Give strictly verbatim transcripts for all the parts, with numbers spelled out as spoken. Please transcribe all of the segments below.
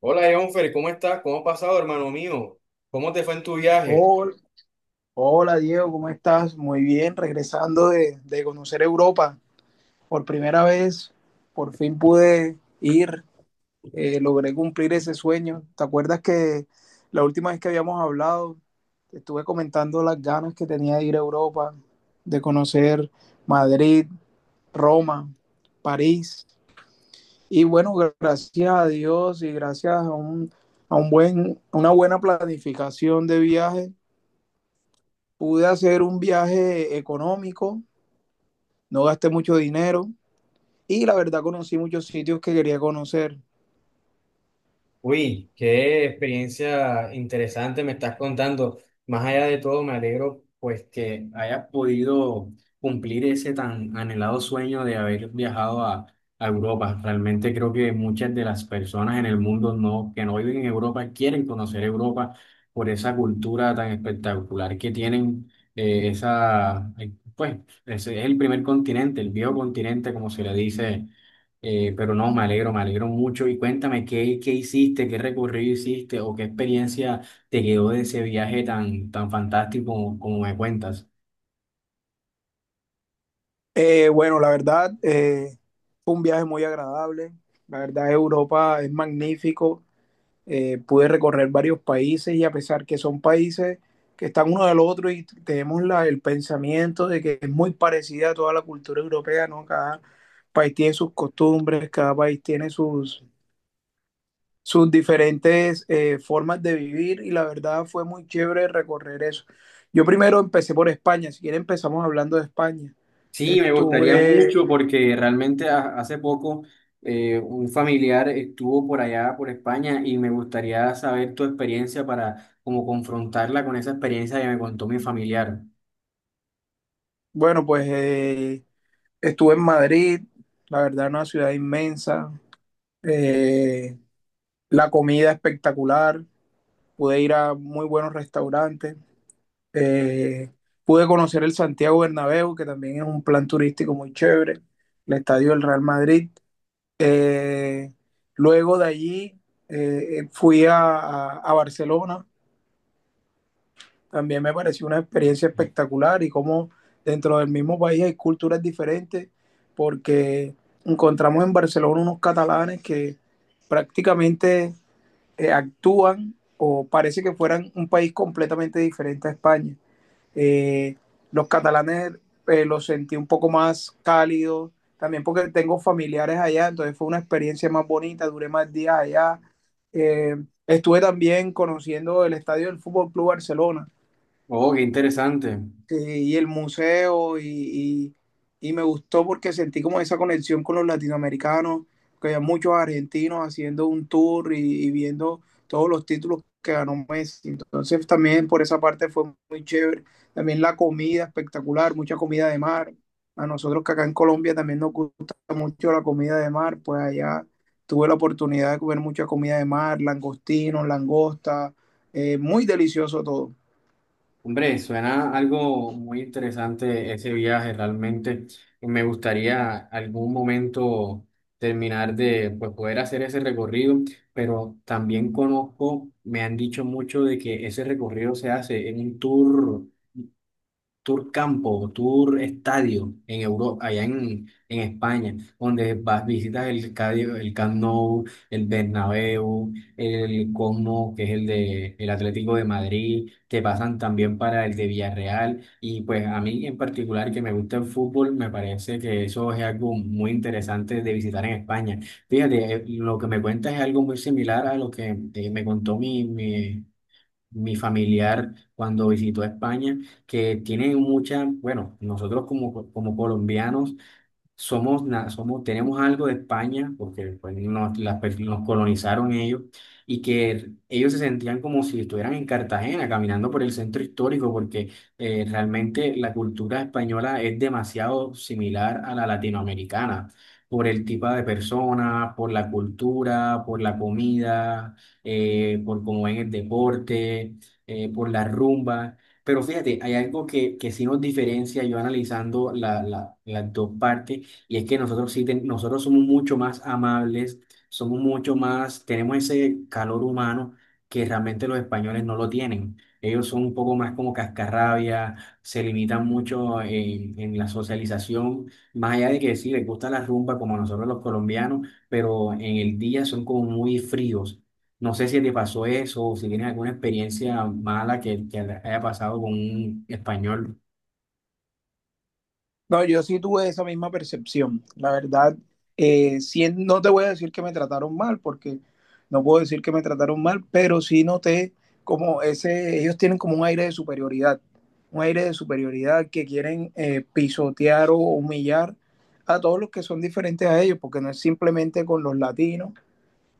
Hola, Jonfer, ¿cómo estás? ¿Cómo has pasado, hermano mío? ¿Cómo te fue en tu viaje? Hola, hola, Diego, ¿cómo estás? Muy bien, regresando de, de conocer Europa por primera vez, por fin pude ir, eh, logré cumplir ese sueño. ¿Te acuerdas que la última vez que habíamos hablado, te estuve comentando las ganas que tenía de ir a Europa, de conocer Madrid, Roma, París? Y bueno, gracias a Dios y gracias a un, a un buen, una buena planificación de viaje pude hacer un viaje económico, no gasté mucho dinero y la verdad conocí muchos sitios que quería conocer. Uy, qué experiencia interesante me estás contando. Más allá de todo, me alegro pues que hayas podido cumplir ese tan anhelado sueño de haber viajado a, a Europa. Realmente creo que muchas de las personas en el mundo no, que no viven en Europa quieren conocer Europa por esa cultura tan espectacular que tienen. Eh, esa, eh, pues, ese es el primer continente, el viejo continente, como se le dice. Eh, pero no, me alegro, me alegro mucho. Y cuéntame, ¿qué, qué hiciste, qué recorrido hiciste o qué experiencia te quedó de ese viaje tan, tan fantástico como, como me cuentas? Eh, bueno, la verdad eh, fue un viaje muy agradable. La verdad Europa es magnífico. Eh, pude recorrer varios países y a pesar que son países que están uno del otro y tenemos la, el pensamiento de que es muy parecida a toda la cultura europea, ¿no? Cada país tiene sus costumbres, cada país tiene sus, sus diferentes eh, formas de vivir y la verdad fue muy chévere recorrer eso. Yo primero empecé por España, si quieren empezamos hablando de España. Sí, me gustaría Estuve, mucho porque realmente ha- hace poco eh, un familiar estuvo por allá, por España, y me gustaría saber tu experiencia para como confrontarla con esa experiencia que me contó mi familiar. bueno, pues eh, estuve en Madrid, la verdad una ciudad inmensa, eh, la comida espectacular, pude ir a muy buenos restaurantes, eh, pude conocer el Santiago Bernabéu, que también es un plan turístico muy chévere, el estadio del Real Madrid. Eh, luego de allí eh, eh, fui a, a- a Barcelona, también me pareció una experiencia espectacular y como dentro del mismo país hay culturas diferentes, porque encontramos en Barcelona unos catalanes que prácticamente eh, actúan o parece que fueran un país completamente diferente a España. Eh, los catalanes eh, los sentí un poco más cálidos, también porque tengo familiares allá, entonces fue una experiencia más bonita, duré más días allá. Eh, estuve también conociendo el estadio del Fútbol Club Barcelona. Oh, qué interesante. Sí, y el museo, y, y- y me gustó porque sentí como esa conexión con los latinoamericanos, que había muchos argentinos haciendo un tour y, y viendo todos los títulos que ganó Messi. Entonces también por esa parte fue muy chévere. También la comida espectacular, mucha comida de mar. A nosotros que acá en Colombia también nos gusta mucho la comida de mar, pues allá tuve la oportunidad de comer mucha comida de mar, langostinos, langosta, eh, muy delicioso todo. Hombre, suena algo muy interesante ese viaje realmente. y Me gustaría algún momento terminar de pues, poder hacer ese recorrido, pero también conozco, me han dicho mucho de que ese recorrido se hace en un tour tour campo, tour estadio en Europa, allá en, en España, donde vas, visitas el estadio, el Camp Nou, el Bernabéu, el Cosmo, que es el de el Atlético de Madrid, te pasan también para el de Villarreal y pues a mí en particular que me gusta el fútbol, me parece que eso es algo muy interesante de visitar en España. Fíjate, eh, lo que me cuentas es algo muy similar a lo que eh, me contó mi, mi mi familiar cuando visitó a España, que tiene mucha, bueno, nosotros como, como colombianos somos, na- somos, tenemos algo de España, porque pues, nos, las per- nos colonizaron ellos, y que ellos se sentían como si estuvieran en Cartagena, caminando por el centro histórico, porque eh, realmente la cultura española es demasiado similar a la latinoamericana, por el tipo de personas, por la cultura, por la comida, eh, por cómo ven el deporte, eh, por la rumba. Pero fíjate, hay algo que, que sí nos diferencia, yo analizando la- la- las dos partes, y es que nosotros sí, ten- nosotros somos mucho más amables, somos mucho más, tenemos ese calor humano que realmente los españoles no lo tienen. Ellos son un poco más como cascarrabia, se limitan mucho en, en la socialización, más allá de que sí, les gusta la rumba como a nosotros los colombianos, pero en el día son como muy fríos. No sé si te pasó eso o si tienes alguna experiencia mala que, que haya pasado con un español. No, yo sí tuve esa misma percepción. La verdad, eh, sí, no te voy a decir que me trataron mal, porque no puedo decir que me trataron mal, pero sí noté como ese, ellos tienen como un aire de superioridad, un aire de superioridad que quieren eh, pisotear o humillar a todos los que son diferentes a ellos, porque no es simplemente con los latinos.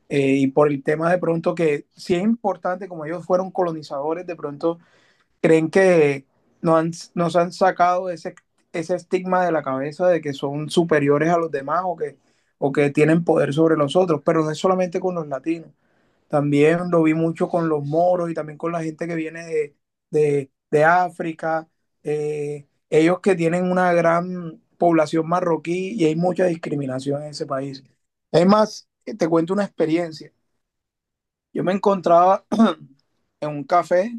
eh, y por el tema de pronto que sí es importante, como ellos fueron colonizadores, de pronto creen que no han, nos han sacado ese, ese estigma de la cabeza de que son superiores a los demás o que, o que tienen poder sobre los otros, pero no es solamente con los latinos, también lo vi mucho con los moros y también con la gente que viene de, de, de África, eh, ellos que tienen una gran población marroquí y hay mucha discriminación en ese país. Es más, te cuento una experiencia. Yo me encontraba en un café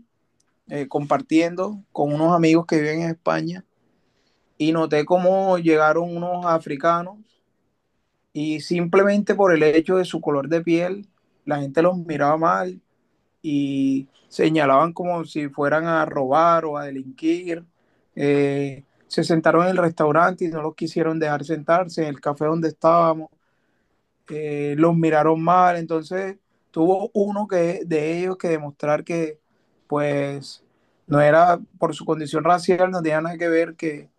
eh, compartiendo con unos amigos que viven en España y noté cómo llegaron unos africanos y simplemente por el hecho de su color de piel, la gente los miraba mal y señalaban como si fueran a robar o a delinquir. Eh, se sentaron en el restaurante y no los quisieron dejar sentarse en el café donde estábamos eh, los miraron mal, entonces tuvo uno que, de ellos que demostrar que pues no era por su condición racial, no tenía nada que ver que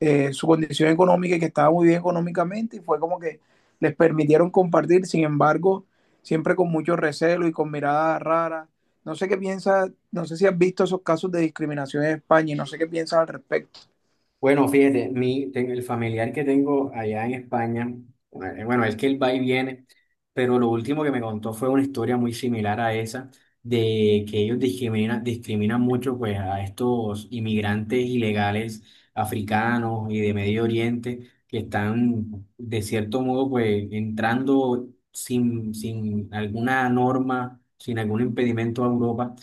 eh, su condición económica y que estaba muy bien económicamente y fue como que les permitieron compartir, sin embargo, siempre con mucho recelo y con miradas raras. No sé qué piensas, no sé si has visto esos casos de discriminación en España y no sé qué piensas al respecto. Bueno, fíjate, mi, ten- el familiar que tengo allá en España, eh, bueno, es que él va y viene, pero lo último que me contó fue una historia muy similar a esa, de que ellos discriminan, discriminan mucho pues a estos inmigrantes ilegales africanos y de Medio Oriente que están de cierto modo pues entrando sin, sin alguna norma, sin algún impedimento a Europa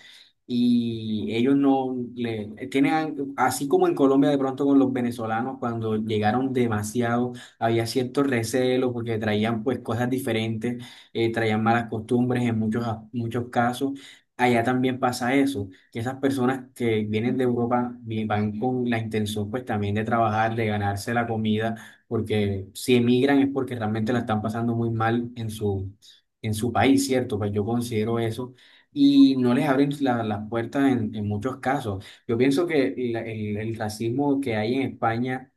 y ellos no le tienen, al- así como en Colombia de pronto con los venezolanos, cuando llegaron demasiado, había cierto recelo porque traían pues cosas diferentes, eh, traían malas costumbres en muchos, a- muchos casos. Allá también pasa eso, que esas personas que vienen de Europa vi- van con la intención pues también de trabajar, de ganarse la comida, porque si emigran es porque realmente la están pasando muy mal en su, en su país, ¿cierto? Pues yo considero eso y no les abren la- las puertas en, en muchos casos. Yo pienso que la- el, el racismo que hay en España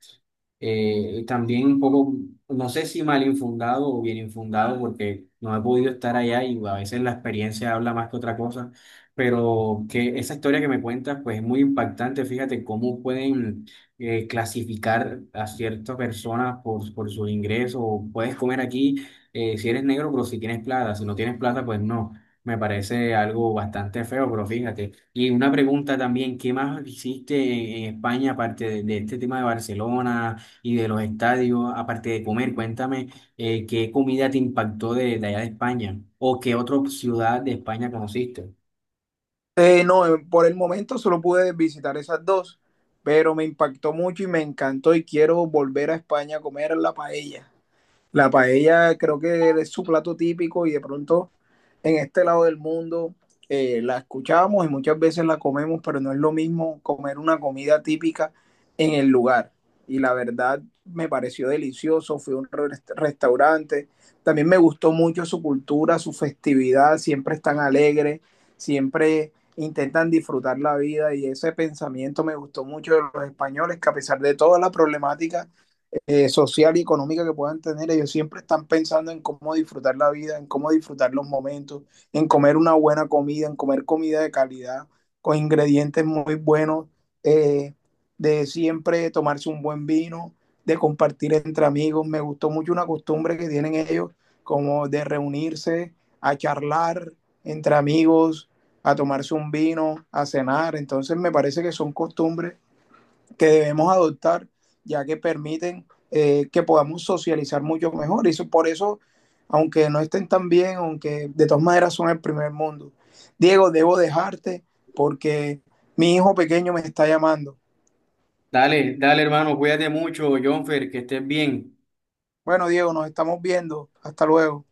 eh, también un poco, no sé si mal infundado o bien infundado, porque no he podido estar allá y a veces la experiencia habla más que otra cosa, pero que esa historia que me cuentas pues es muy impactante, fíjate cómo pueden eh, clasificar a ciertas personas por, por sus ingresos, puedes comer aquí eh, si eres negro, pero si tienes plata, si no tienes plata, pues no. Me parece algo bastante feo, pero fíjate. Y una pregunta también, ¿qué más hiciste en, en España aparte de, de este tema de Barcelona y de los estadios, aparte de comer? Cuéntame, eh, ¿qué comida te impactó de, de allá de España? ¿O qué otra ciudad de España conociste? Eh, no, eh, por el momento solo pude visitar esas dos, pero me impactó mucho y me encantó y quiero volver a España a comer la paella. La paella creo que es su plato típico y de pronto en este lado del mundo eh, la escuchamos y muchas veces la comemos, pero no es lo mismo comer una comida típica en el lugar. Y la verdad me pareció delicioso, fui a un rest- restaurante, también me gustó mucho su cultura, su festividad, siempre están alegres, siempre intentan disfrutar la vida y ese pensamiento me gustó mucho de los españoles, que a pesar de toda la problemática eh, social y económica que puedan tener, ellos siempre están pensando en cómo disfrutar la vida, en cómo disfrutar los momentos, en comer una buena comida, en comer comida de calidad, con ingredientes muy buenos, eh, de siempre tomarse un buen vino, de compartir entre amigos. Me gustó mucho una costumbre que tienen ellos, como de reunirse a charlar entre amigos, a tomarse un vino, a cenar. Entonces me parece que son costumbres que debemos adoptar, ya que permiten eh, que podamos socializar mucho mejor. Y eso, por eso, aunque no estén tan bien, aunque de todas maneras son el primer mundo. Diego, debo dejarte porque mi hijo pequeño me está llamando. Dale, dale hermano, cuídate mucho, Jonfer, que estés bien. Bueno, Diego, nos estamos viendo. Hasta luego.